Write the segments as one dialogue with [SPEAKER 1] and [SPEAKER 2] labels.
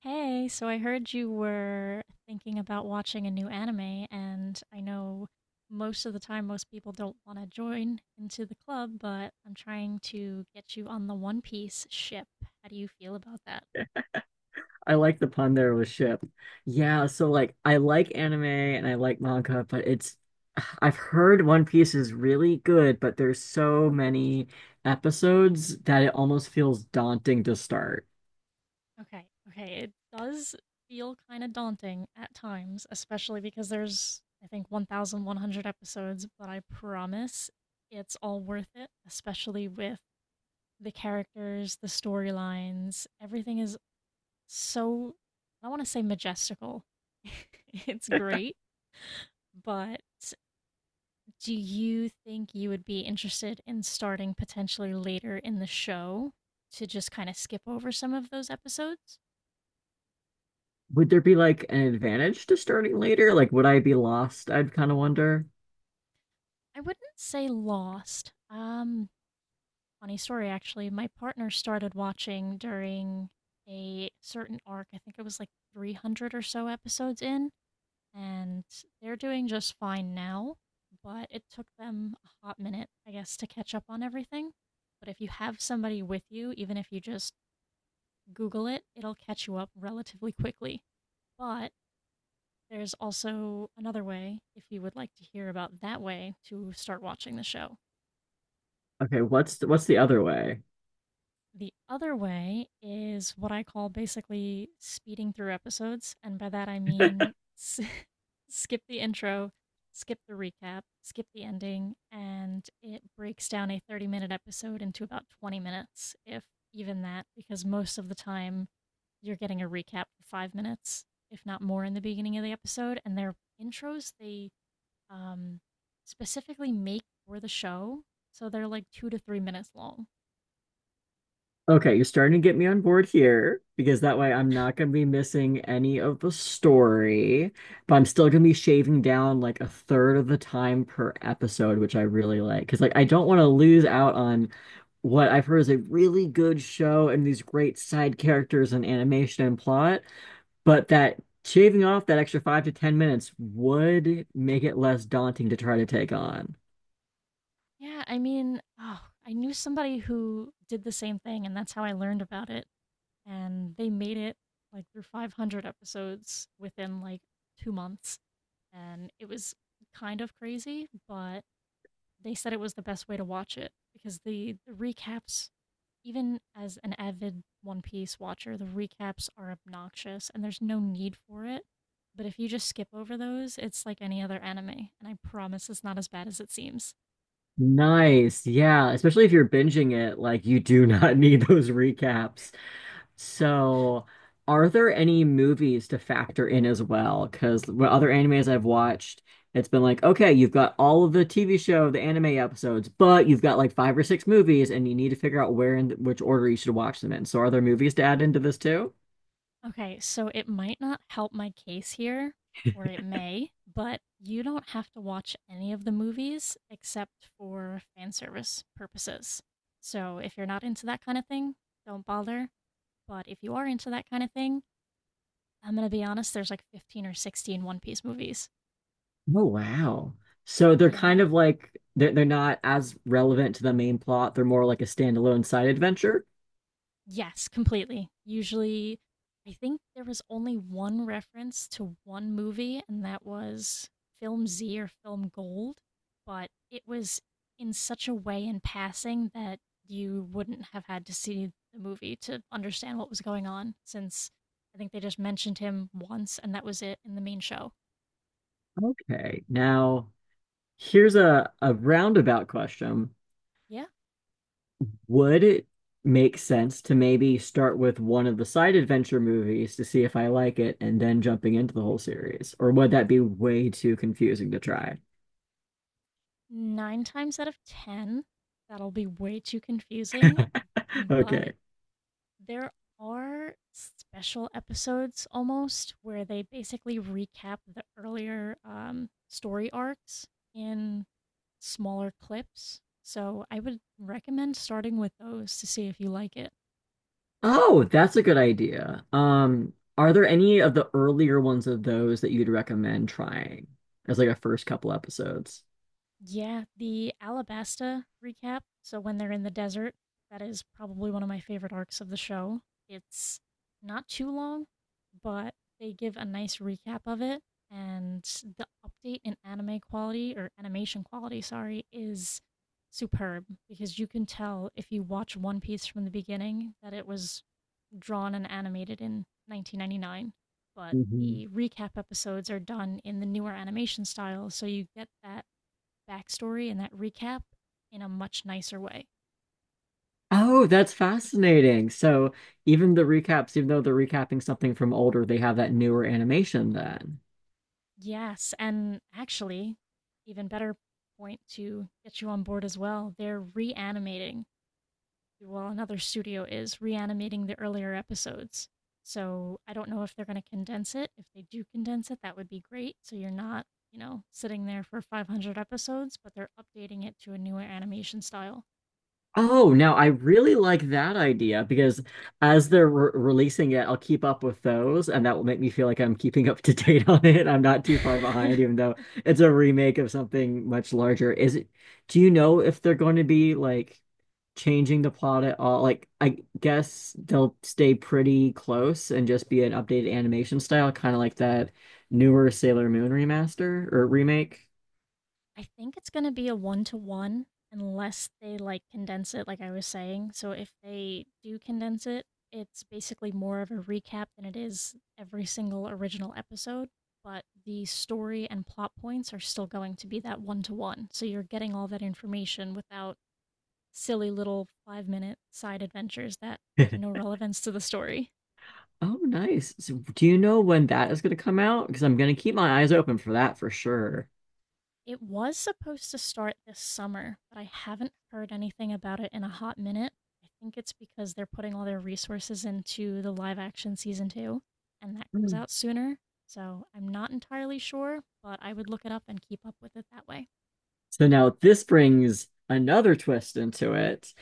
[SPEAKER 1] Hey, so I heard you were thinking about watching a new anime, and I know most of the time most people don't want to join into the club, but I'm trying to get you on the One Piece ship. How do you feel about that?
[SPEAKER 2] I like the pun there with ship. Yeah, so I like anime and I like manga, but it's I've heard One Piece is really good, but there's so many episodes that it almost feels daunting to start.
[SPEAKER 1] Okay, okay, it does feel kind of daunting at times, especially because there's, I think, 1,100 episodes, but I promise it's all worth it, especially with the characters, the storylines, everything is so I want to say majestical. It's great, but do you think you would be interested in starting potentially later in the show to just kind of skip over some of those episodes?
[SPEAKER 2] Would there be like an advantage to starting later? Like would I be lost? I'd kind of wonder.
[SPEAKER 1] I wouldn't say lost. Funny story actually. My partner started watching during a certain arc. I think it was like 300 or so episodes in, and they're doing just fine now, but it took them a hot minute, I guess, to catch up on everything. But if you have somebody with you, even if you just Google it, it'll catch you up relatively quickly. But there's also another way, if you would like to hear about that way, to start watching the show.
[SPEAKER 2] Okay, what's the other way?
[SPEAKER 1] The other way is what I call basically speeding through episodes. And by that, I mean skip the intro, skip the recap, skip the ending, and it breaks down a 30-minute episode into about 20 minutes, if even that, because most of the time you're getting a recap for 5 minutes, if not more, in the beginning of the episode. And their intros, they um, specifically make for the show. So they're like 2 to 3 minutes long.
[SPEAKER 2] Okay, you're starting to get me on board here because that way I'm not going to be missing any of the story, but I'm still going to be shaving down like a third of the time per episode, which I really like. Because like I don't want to lose out on what I've heard is a really good show and these great side characters and animation and plot, but that shaving off that extra 5 to 10 minutes would make it less daunting to try to take on.
[SPEAKER 1] Yeah, I mean, oh, I knew somebody who did the same thing, and that's how I learned about it. And they made it like through 500 episodes within like 2 months. And it was kind of crazy, but they said it was the best way to watch it because the recaps, even as an avid One Piece watcher, the recaps are obnoxious and there's no need for it. But if you just skip over those, it's like any other anime. And I promise it's not as bad as it seems.
[SPEAKER 2] Nice. Yeah, especially if you're binging it, like you do not need those recaps. So, are there any movies to factor in as well? Because what other animes I've watched, it's been like, okay, you've got all of the TV show, the anime episodes, but you've got like five or six movies, and you need to figure out where and which order you should watch them in. So, are there movies to add into this too?
[SPEAKER 1] Okay, so it might not help my case here, or it may, but you don't have to watch any of the movies except for fan service purposes. So if you're not into that kind of thing, don't bother. But if you are into that kind of thing, I'm gonna be honest, there's like 15 or 16 One Piece movies.
[SPEAKER 2] Oh, wow. So they're kind
[SPEAKER 1] Yeah,
[SPEAKER 2] of like they're not as relevant to the main plot. They're more like a standalone side adventure.
[SPEAKER 1] yes, completely. Usually, I think there was only one reference to one movie, and that was Film Z or Film Gold, but it was in such a way in passing that you wouldn't have had to see the movie to understand what was going on, since I think they just mentioned him once, and that was it in the main show.
[SPEAKER 2] Okay. Now here's a roundabout question.
[SPEAKER 1] Yeah,
[SPEAKER 2] Would it make sense to maybe start with one of the side adventure movies to see if I like it and then jumping into the whole series? Or would that be way too confusing to try?
[SPEAKER 1] nine times out of ten, that'll be way too confusing, but
[SPEAKER 2] Okay.
[SPEAKER 1] there are special episodes almost where they basically recap the earlier story arcs in smaller clips. So I would recommend starting with those to see if you like it.
[SPEAKER 2] Oh, that's a good idea. Are there any of the earlier ones of those that you'd recommend trying as like a first couple episodes?
[SPEAKER 1] Yeah, the Alabasta recap. So when they're in the desert, that is probably one of my favorite arcs of the show. It's not too long, but they give a nice recap of it. And the update in anime quality or animation quality, sorry, is superb because you can tell if you watch One Piece from the beginning that it was drawn and animated in 1999. But
[SPEAKER 2] Mhm.
[SPEAKER 1] the recap episodes are done in the newer animation style, so you get that backstory and that recap in a much nicer way.
[SPEAKER 2] Oh, that's fascinating. So even the recaps, even though they're recapping something from older, they have that newer animation then.
[SPEAKER 1] Yes, and actually, even better point to get you on board as well. They're reanimating, well, another studio is reanimating the earlier episodes. So I don't know if they're going to condense it. If they do condense it, that would be great. So you're not, you know, sitting there for 500 episodes, but they're updating it to a newer animation style.
[SPEAKER 2] Oh, now I really like that idea because as they're re releasing it, I'll keep up with those, and that will make me feel like I'm keeping up to date on it. I'm not too far behind, even though it's a remake of something much larger. Do you know if they're going to be like changing the plot at all? Like, I guess they'll stay pretty close and just be an updated animation style, kind of like that newer Sailor Moon remaster or remake.
[SPEAKER 1] I think it's gonna be a one-to-one unless they, like, condense it, like I was saying. So if they do condense it, it's basically more of a recap than it is every single original episode, but the story and plot points are still going to be that one-to-one. So you're getting all that information without silly little five-minute side adventures that have no relevance to the story.
[SPEAKER 2] Oh, nice. So do you know when that is going to come out? Because I'm going to keep my eyes open for that for sure.
[SPEAKER 1] It was supposed to start this summer, but I haven't heard anything about it in a hot minute. I think it's because they're putting all their resources into the live action season two, and that comes
[SPEAKER 2] Mm.
[SPEAKER 1] out sooner. So I'm not entirely sure, but I would look it up and keep up with it that way.
[SPEAKER 2] So now this brings another twist into it.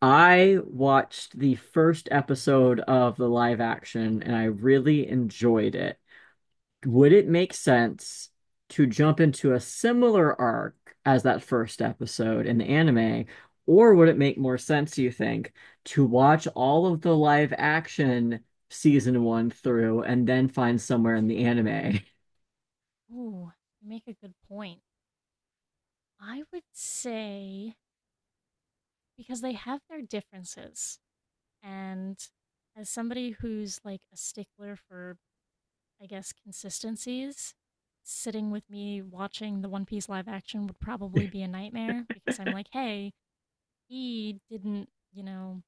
[SPEAKER 2] I watched the first episode of the live action and I really enjoyed it. Would it make sense to jump into a similar arc as that first episode in the anime, or would it make more sense, you think, to watch all of the live action season one through and then find somewhere in the anime?
[SPEAKER 1] Ooh, you make a good point. I would say because they have their differences, and as somebody who's like a stickler for I guess, consistencies. Sitting with me watching the One Piece live action would probably be a nightmare because I'm like, hey, he didn't, you know,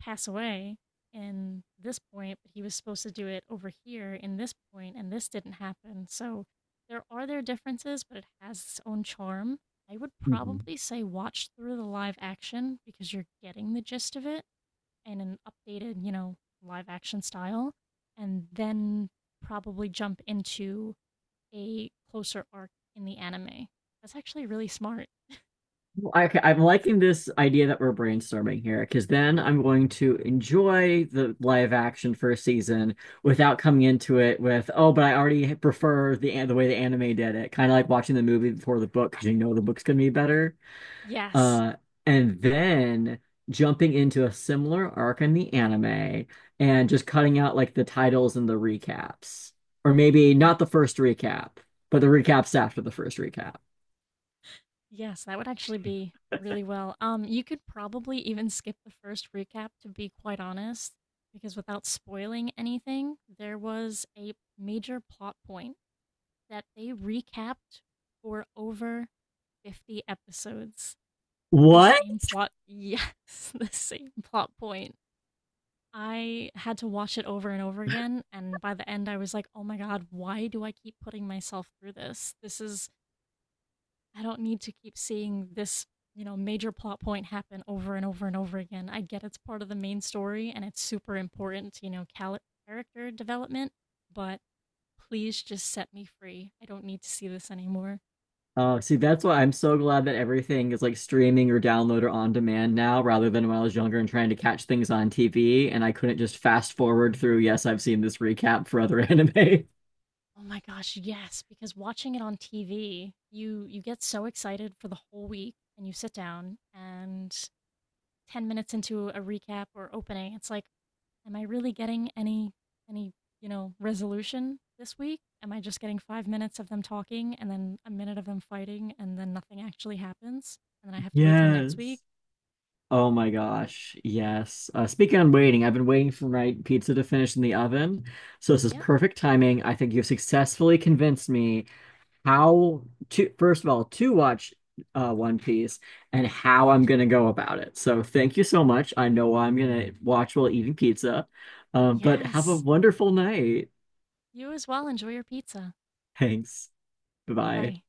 [SPEAKER 1] pass away in this point, but he was supposed to do it over here in this point, and this didn't happen. So there are their differences, but it has its own charm. I would probably say watch through the live action because you're getting the gist of it in an updated, you know, live action style, and then probably jump into a closer arc in the anime. That's actually really smart.
[SPEAKER 2] Okay, I'm liking this idea that we're brainstorming here because then I'm going to enjoy the live action first season without coming into it with, oh, but I already prefer the way the anime did it. Kind of like watching the movie before the book because you know the book's gonna be better.
[SPEAKER 1] Yes.
[SPEAKER 2] Uh, and then jumping into a similar arc in the anime and just cutting out like the titles and the recaps, or maybe
[SPEAKER 1] Yeah.
[SPEAKER 2] not the first recap, but the recaps after the first recap.
[SPEAKER 1] Yes, that would actually be really well. You could probably even skip the first recap, to be quite honest, because without spoiling anything, there was a major plot point that they recapped for over 50 episodes. The
[SPEAKER 2] What?
[SPEAKER 1] same plot yes, the same plot point. I had to watch it over and over again, and by the end, I was like, oh my god, why do I keep putting myself through this? This is, I don't need to keep seeing this, you know, major plot point happen over and over and over again. I get it's part of the main story and it's super important, you know, character development, but please just set me free. I don't need to see this anymore.
[SPEAKER 2] Oh, see, that's why I'm so glad that everything is like streaming or download or on demand now, rather than when I was younger and trying to catch things on TV and I couldn't just fast forward through, yes, I've seen this recap for other anime.
[SPEAKER 1] Oh my gosh, yes, because watching it on TV, you get so excited for the whole week and you sit down and 10 minutes into a recap or opening, it's like, am I really getting any any, you know, resolution this week? Am I just getting 5 minutes of them talking and then a minute of them fighting and then nothing actually happens and then I have to wait till next week?
[SPEAKER 2] Yes. Oh my gosh. Yes. Speaking on waiting, I've been waiting for my pizza to finish in the oven. So this is
[SPEAKER 1] Yeah.
[SPEAKER 2] perfect timing. I think you've successfully convinced me how to first of all to watch One Piece and how I'm gonna go about it. So thank you so much. I know I'm gonna watch while eating pizza, but have a
[SPEAKER 1] Yes.
[SPEAKER 2] wonderful night.
[SPEAKER 1] You as well enjoy your pizza.
[SPEAKER 2] Thanks. Bye.
[SPEAKER 1] Bye-bye.